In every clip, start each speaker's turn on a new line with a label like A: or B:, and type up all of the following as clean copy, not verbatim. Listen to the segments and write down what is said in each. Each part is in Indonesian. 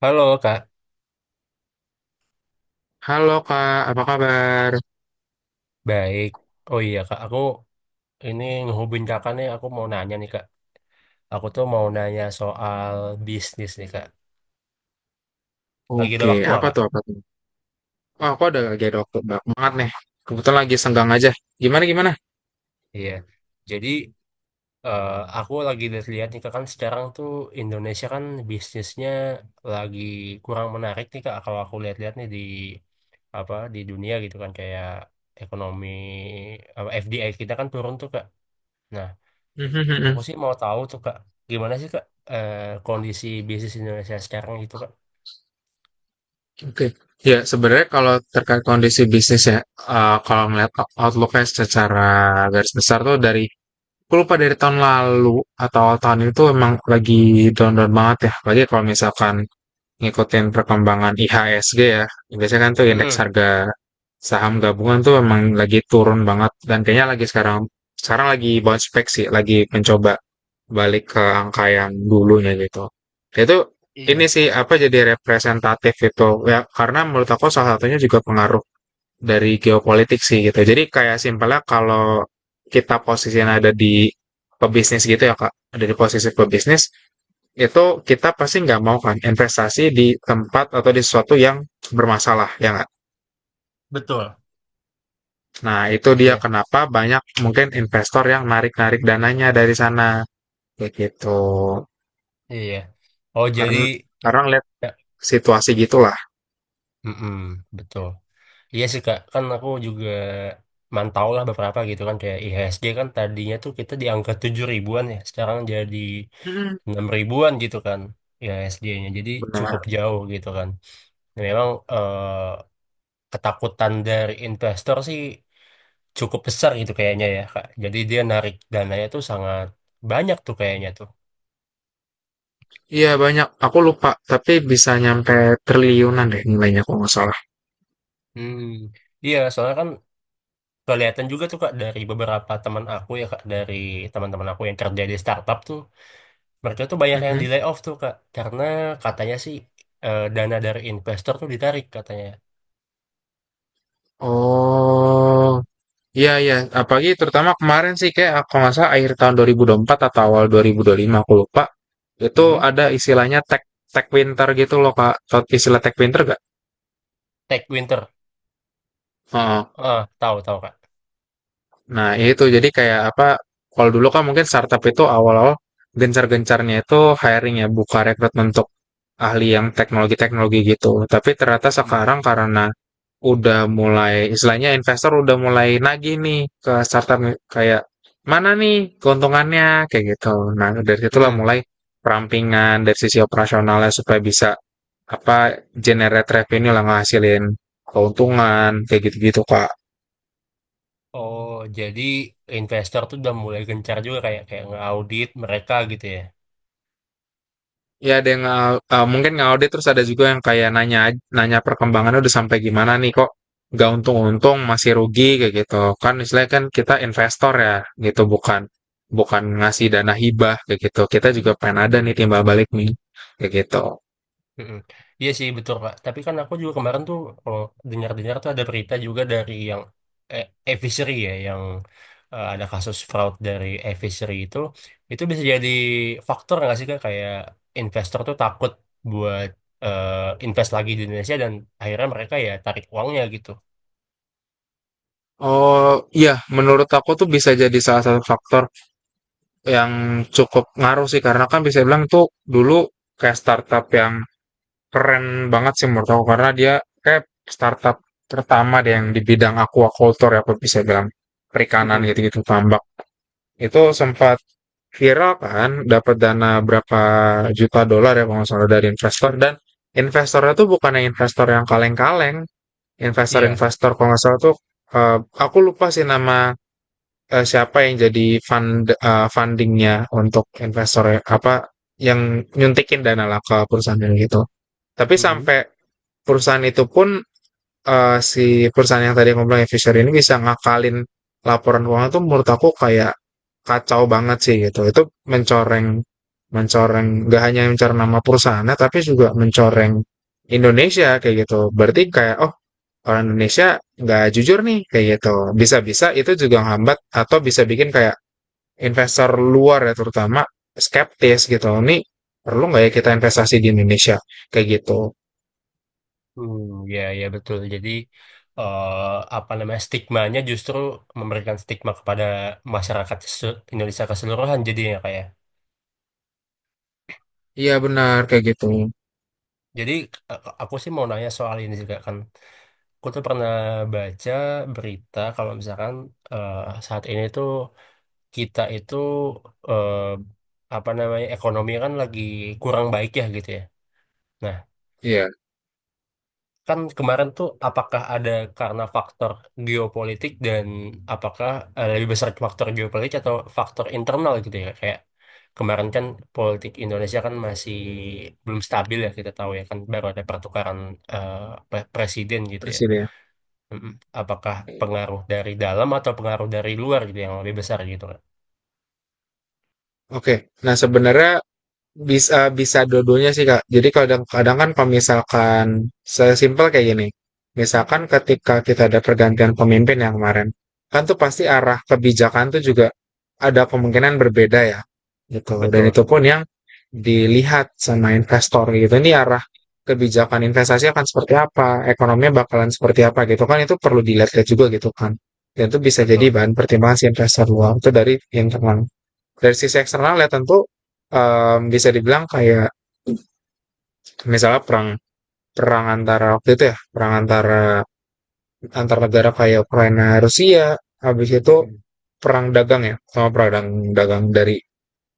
A: Halo Kak,
B: Halo Kak, apa kabar?
A: baik. Oh iya Kak, aku ini ngehubungin Kakak nih, aku mau nanya nih Kak. Aku tuh mau nanya soal bisnis nih Kak. Lagi ada
B: Oke,
A: waktu nggak
B: apa
A: Kak?
B: tuh apa tuh? Wah, aku ada waktu banyak banget nih. Kebetulan lagi senggang aja. Gimana gimana?
A: Iya. Jadi eh, aku lagi lihat nih Kak, kan sekarang tuh Indonesia kan bisnisnya lagi kurang menarik nih Kak. Kalau aku lihat-lihat nih di apa di dunia gitu kan kayak ekonomi apa, FDI kita kan turun tuh Kak. Nah,
B: Mhm, mhm.
A: aku sih mau tahu tuh Kak, gimana sih Kak eh, kondisi bisnis Indonesia sekarang gitu Kak?
B: Oke. Ya, sebenarnya kalau terkait kondisi bisnis ya, kalau ngeliat outlook-nya secara garis besar tuh dari, aku lupa dari tahun lalu atau tahun itu emang lagi down-down banget ya. Lagi kalau misalkan ngikutin perkembangan IHSG ya. Biasanya kan tuh indeks
A: Mm-mm.
B: harga saham gabungan tuh emang lagi turun banget dan kayaknya lagi sekarang sekarang lagi bounce back sih, lagi mencoba balik ke angka yang dulunya gitu. Itu ini
A: Iya,
B: sih apa jadi representatif itu ya karena menurut aku salah satunya juga pengaruh dari geopolitik sih gitu. Jadi kayak simpelnya kalau kita posisinya ada di pebisnis gitu ya Kak, ada di posisi pebisnis itu kita pasti nggak mau kan investasi di tempat atau di sesuatu yang bermasalah ya nggak?
A: betul.
B: Nah itu dia
A: Iya,
B: kenapa banyak mungkin investor yang narik-narik dananya dari sana kayak gitu
A: iya. Oh jadi
B: karena
A: ya,
B: karena lihat
A: ya,
B: situasi gitulah.
A: mm-mm, betul. Iya sih Kak, kan aku juga mantau lah beberapa gitu kan kayak IHSG kan tadinya tuh kita di angka 7 ribuan ya, sekarang jadi
B: Mm-mm.
A: 6 ribuan gitu kan IHSG-nya. Jadi
B: Benar.
A: cukup jauh gitu kan. Dan memang ketakutan dari investor sih cukup besar gitu kayaknya ya Kak. Jadi dia narik dananya tuh sangat banyak tuh kayaknya tuh.
B: Iya banyak. Aku lupa, tapi bisa nyampe triliunan deh nilainya kalau nggak salah.
A: Hmm. Iya, soalnya kan kelihatan juga tuh kak dari beberapa teman aku ya kak dari teman-teman aku yang kerja di startup tuh mereka tuh banyak yang di
B: Mhm.
A: layoff tuh kak karena katanya sih dana dari investor tuh ditarik katanya.
B: Oh, iya iya. Apalagi terutama kemarin sih kayak aku nggak salah akhir tahun 2024 atau awal 2025 aku lupa. Itu
A: Mm-mm.
B: ada istilahnya tech tech winter gitu loh Kak. Tau Istilah tech winter gak?
A: Tech Winter,
B: Oh,
A: ah tahu tahu kak.
B: nah, itu jadi kayak apa? Kalau dulu kan mungkin startup itu awal-awal gencar-gencarnya itu hiring ya, buka rekrutmen untuk ahli yang teknologi-teknologi gitu. Tapi ternyata
A: Hmm.
B: sekarang karena udah mulai istilahnya investor udah mulai nagih nih ke startup kayak mana nih keuntungannya kayak gitu. Nah, dari situlah
A: Mm-mm.
B: mulai perampingan dari sisi operasionalnya supaya bisa apa generate revenue lah ngasilin keuntungan kayak gitu-gitu kak
A: Oh jadi investor tuh udah mulai gencar juga kayak kayak ngaudit mereka gitu ya.
B: ya ada yang mungkin ngaudit terus ada juga yang kayak nanya nanya perkembangannya udah sampai gimana nih kok nggak untung-untung masih rugi kayak gitu kan istilahnya kan kita investor ya gitu bukan bukan ngasih dana hibah kayak gitu kita juga pengen ada nih timbal balik nih kayak gitu
A: Mm-mm. Iya sih betul Kak. Tapi kan aku juga kemarin tuh kalau dengar-dengar tuh ada berita juga dari yang eh, e-fishery ya, yang ada kasus fraud dari e-fishery itu bisa jadi faktor nggak sih Kak? Kayak investor tuh takut buat invest lagi di Indonesia dan akhirnya mereka ya tarik uangnya gitu.
B: oh iya menurut aku tuh bisa jadi salah satu faktor yang cukup ngaruh sih karena kan bisa bilang tuh dulu kayak startup yang keren banget sih menurut aku karena dia kayak startup pertama deh yang di bidang aquaculture ya aku bisa bilang perikanan
A: Mm-mm.
B: gitu-gitu tambak itu sempat viral kan dapat dana berapa juta dolar ya kalau nggak salah dari investor dan investornya tuh bukan yang investor yang kaleng-kaleng
A: Iya.
B: investor-investor kalau nggak salah tuh eh, aku lupa sih nama siapa yang jadi fundingnya untuk investor ya, apa yang nyuntikin dana lah ke perusahaan yang gitu tapi
A: Mm-mm.
B: sampai perusahaan itu pun si perusahaan yang tadi aku bilang Fisher ini bisa ngakalin laporan keuangan tuh menurut aku kayak kacau banget sih gitu. Itu mencoreng mencoreng gak hanya mencoreng nama perusahaannya tapi juga mencoreng Indonesia kayak gitu. Berarti kayak oh orang Indonesia nggak jujur nih kayak gitu. Bisa-bisa itu juga hambat atau bisa bikin kayak investor luar ya terutama skeptis gitu. Ini perlu nggak ya kita investasi di Indonesia kayak gitu.
A: Hmm, ya, ya betul. Jadi eh, apa namanya stigmanya justru memberikan stigma kepada masyarakat Indonesia keseluruhan jadinya kayak.
B: Iya benar kayak gitu.
A: Jadi aku sih mau nanya soal ini juga kan. Aku tuh pernah baca berita kalau misalkan eh, saat ini tuh kita itu eh, apa namanya ekonomi kan lagi kurang baik ya gitu ya. Nah,
B: Iya,
A: kan kemarin tuh apakah ada karena faktor geopolitik dan apakah lebih besar faktor geopolitik atau faktor internal gitu ya kayak kemarin kan politik Indonesia kan masih belum stabil ya kita tahu ya kan baru ada pertukaran eh, presiden gitu ya.
B: presiden.
A: Mm-mm. Apakah pengaruh dari dalam atau pengaruh dari luar gitu yang lebih besar gitu kan?
B: Oke, nah sebenarnya bisa bisa dua-duanya sih Kak. Jadi kadang-kadang kan kalau misalkan sesimpel kayak gini, misalkan ketika kita ada pergantian pemimpin yang kemarin, kan tuh pasti arah kebijakan tuh juga ada kemungkinan berbeda ya, gitu. Dan
A: Betul,
B: itu pun yang dilihat sama investor gitu, ini arah kebijakan investasi akan seperti apa, ekonominya bakalan seperti apa gitu kan, itu perlu dilihat juga gitu kan. Dan itu bisa jadi
A: betul.
B: bahan pertimbangan si investor luar, itu dari internal dari sisi eksternal ya tentu bisa dibilang kayak misalnya perang perang antara waktu itu ya perang antar negara kayak Ukraina Rusia habis itu
A: Mm-mm.
B: perang dagang ya sama perang dagang dari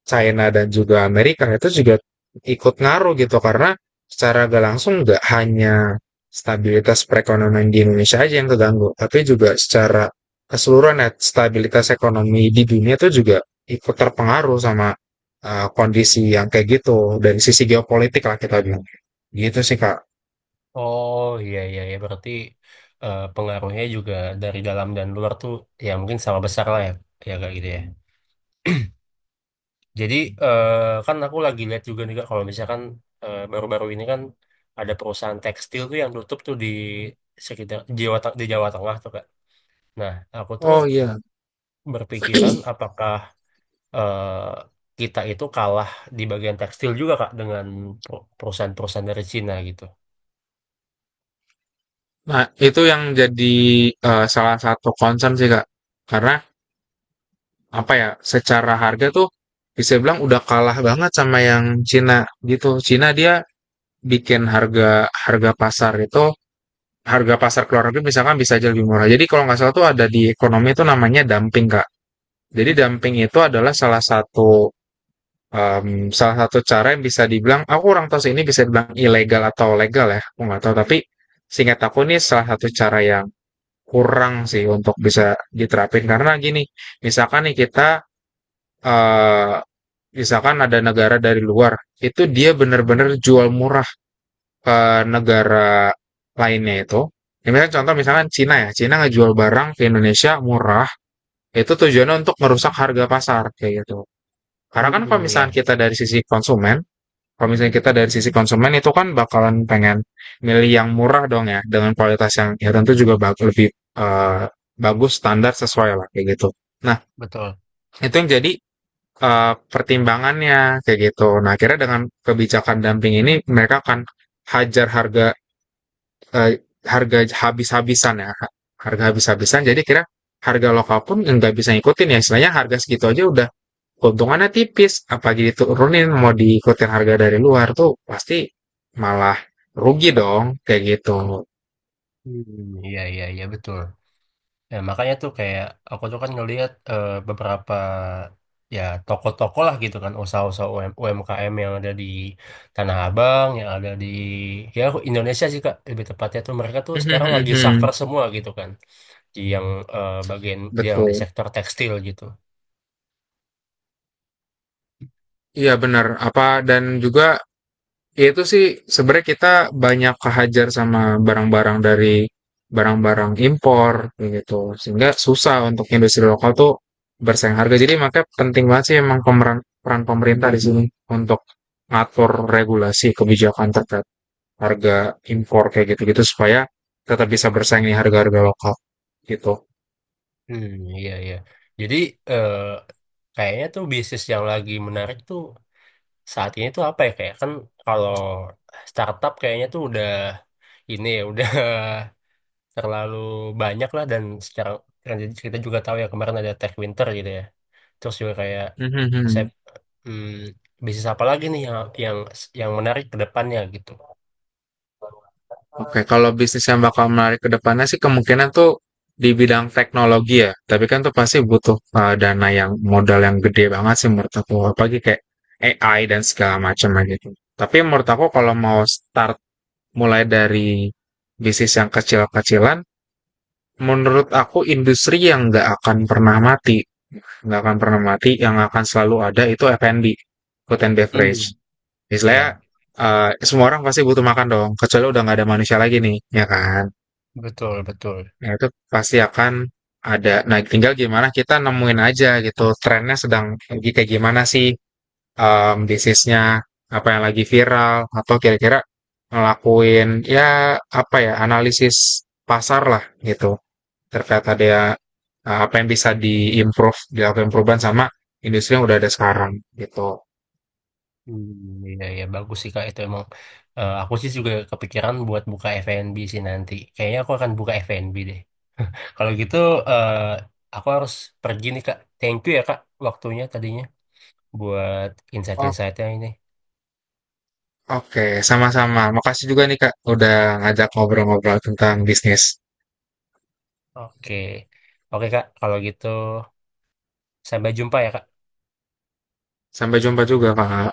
B: China dan juga Amerika itu juga ikut ngaruh gitu karena secara gak langsung nggak hanya stabilitas perekonomian di Indonesia aja yang terganggu, tapi juga secara keseluruhan ya, stabilitas ekonomi di dunia itu juga ikut terpengaruh sama kondisi yang kayak gitu dari sisi geopolitik lah kita bilang. Gitu sih Kak.
A: Oh iya iya ya berarti pengaruhnya juga dari dalam dan luar tuh ya mungkin sama besar lah ya ya kayak gitu ya. Jadi kan aku lagi lihat juga nih Kak, kalau misalkan baru-baru ini kan ada perusahaan tekstil tuh yang tutup tuh di sekitar di Jawa Tengah tuh Kak. Nah aku tuh
B: Oh iya,
A: berpikiran apakah eh, kita itu kalah di bagian tekstil juga Kak dengan perusahaan-perusahaan dari Cina gitu.
B: nah itu yang jadi salah satu concern sih Kak. Karena apa ya secara harga tuh bisa bilang udah kalah banget sama yang Cina gitu. Cina dia bikin harga harga pasar itu harga pasar keluar negeri misalkan bisa aja lebih murah. Jadi kalau nggak salah tuh ada di ekonomi itu namanya dumping kak. Jadi dumping itu adalah salah satu em, salah satu cara yang bisa dibilang aku kurang tahu sih ini bisa dibilang ilegal atau legal ya aku nggak tahu tapi singkat aku ini salah satu cara yang kurang sih untuk bisa diterapin karena gini misalkan nih kita eh, misalkan ada negara dari luar, itu dia benar-benar jual murah ke negara lainnya itu. Ya, misalnya contoh misalkan Cina ya, Cina ngejual barang ke Indonesia murah, itu tujuannya untuk merusak harga pasar kayak gitu. Karena kan kalau
A: Hmm,
B: misalkan
A: ya,
B: kita dari sisi konsumen, kalau misalnya kita dari sisi konsumen itu kan bakalan pengen milih yang murah dong ya, dengan kualitas yang ya tentu juga lebih eh, bagus standar sesuai lah kayak gitu. Nah,
A: betul.
B: itu yang jadi pertimbangannya kayak gitu. Nah, akhirnya dengan kebijakan dumping ini mereka akan hajar harga eh, harga habis-habisan ya, harga habis-habisan. Jadi kira harga lokal pun nggak bisa ngikutin ya. Istilahnya harga segitu aja udah keuntungannya tipis. Apalagi diturunin mau diikutin harga dari luar tuh pasti malah rugi dong kayak gitu.
A: Hmm, iya iya iya betul. Ya, makanya tuh kayak aku tuh kan ngelihat beberapa ya toko-toko lah gitu kan usaha-usaha UMKM yang ada di Tanah Abang, yang ada di ya Indonesia sih Kak lebih tepatnya tuh mereka tuh sekarang lagi suffer semua gitu kan di yang bagian yang di
B: Betul.
A: sektor tekstil gitu.
B: Iya benar. Apa dan juga ya, itu sih sebenarnya kita banyak kehajar sama barang-barang dari barang-barang impor kayak gitu sehingga susah untuk industri lokal tuh bersaing harga jadi makanya penting banget sih emang peran pemerintah di sini untuk ngatur regulasi kebijakan terkait harga impor kayak gitu-gitu supaya tetap bisa bersaing di harga-harga lokal gitu.
A: Hmm, iya iya. Jadi eh, kayaknya tuh bisnis yang lagi menarik tuh saat ini tuh apa ya kayak kan kalau startup kayaknya tuh udah ini ya udah terlalu banyak lah dan sekarang kan jadi kita juga tahu ya kemarin ada Tech Winter gitu ya. Terus juga kayak saya hmm, bisnis apa lagi nih yang yang menarik ke depannya gitu.
B: Oke, kalau bisnis yang bakal menarik ke depannya sih kemungkinan tuh di bidang teknologi ya. Tapi kan tuh pasti butuh dana yang modal yang gede banget sih menurut aku. Apalagi kayak AI dan segala macamnya gitu. Tapi menurut aku kalau mau mulai dari bisnis yang kecil-kecilan, menurut aku industri yang nggak akan pernah mati, nggak akan pernah mati, yang akan selalu ada itu F&B, food and
A: Hmm,
B: beverage. Istilahnya
A: iya
B: semua orang pasti butuh makan dong, kecuali udah nggak ada manusia lagi nih, ya kan?
A: betul betul.
B: Nah, itu pasti akan ada. Nah, tinggal gimana kita nemuin aja gitu trennya sedang lagi kayak gimana sih disease-nya, apa yang lagi viral atau kira-kira ngelakuin ya apa ya analisis pasar lah gitu terkait ada ya, apa yang bisa diimprove, dilakukan perubahan sama industri yang udah ada sekarang gitu.
A: Hmm, Iya, iya bagus sih Kak itu emang. Aku sih juga kepikiran buat buka F&B sih nanti. Kayaknya aku akan buka F&B deh. Kalau gitu eh aku harus pergi nih Kak. Thank you ya Kak waktunya tadinya buat
B: Oh,
A: insight-insightnya ini.
B: oke, sama-sama. Makasih juga nih Kak udah ngajak ngobrol-ngobrol tentang bisnis.
A: Oke. Oke Kak, kalau gitu sampai jumpa ya Kak.
B: Sampai jumpa juga Kak.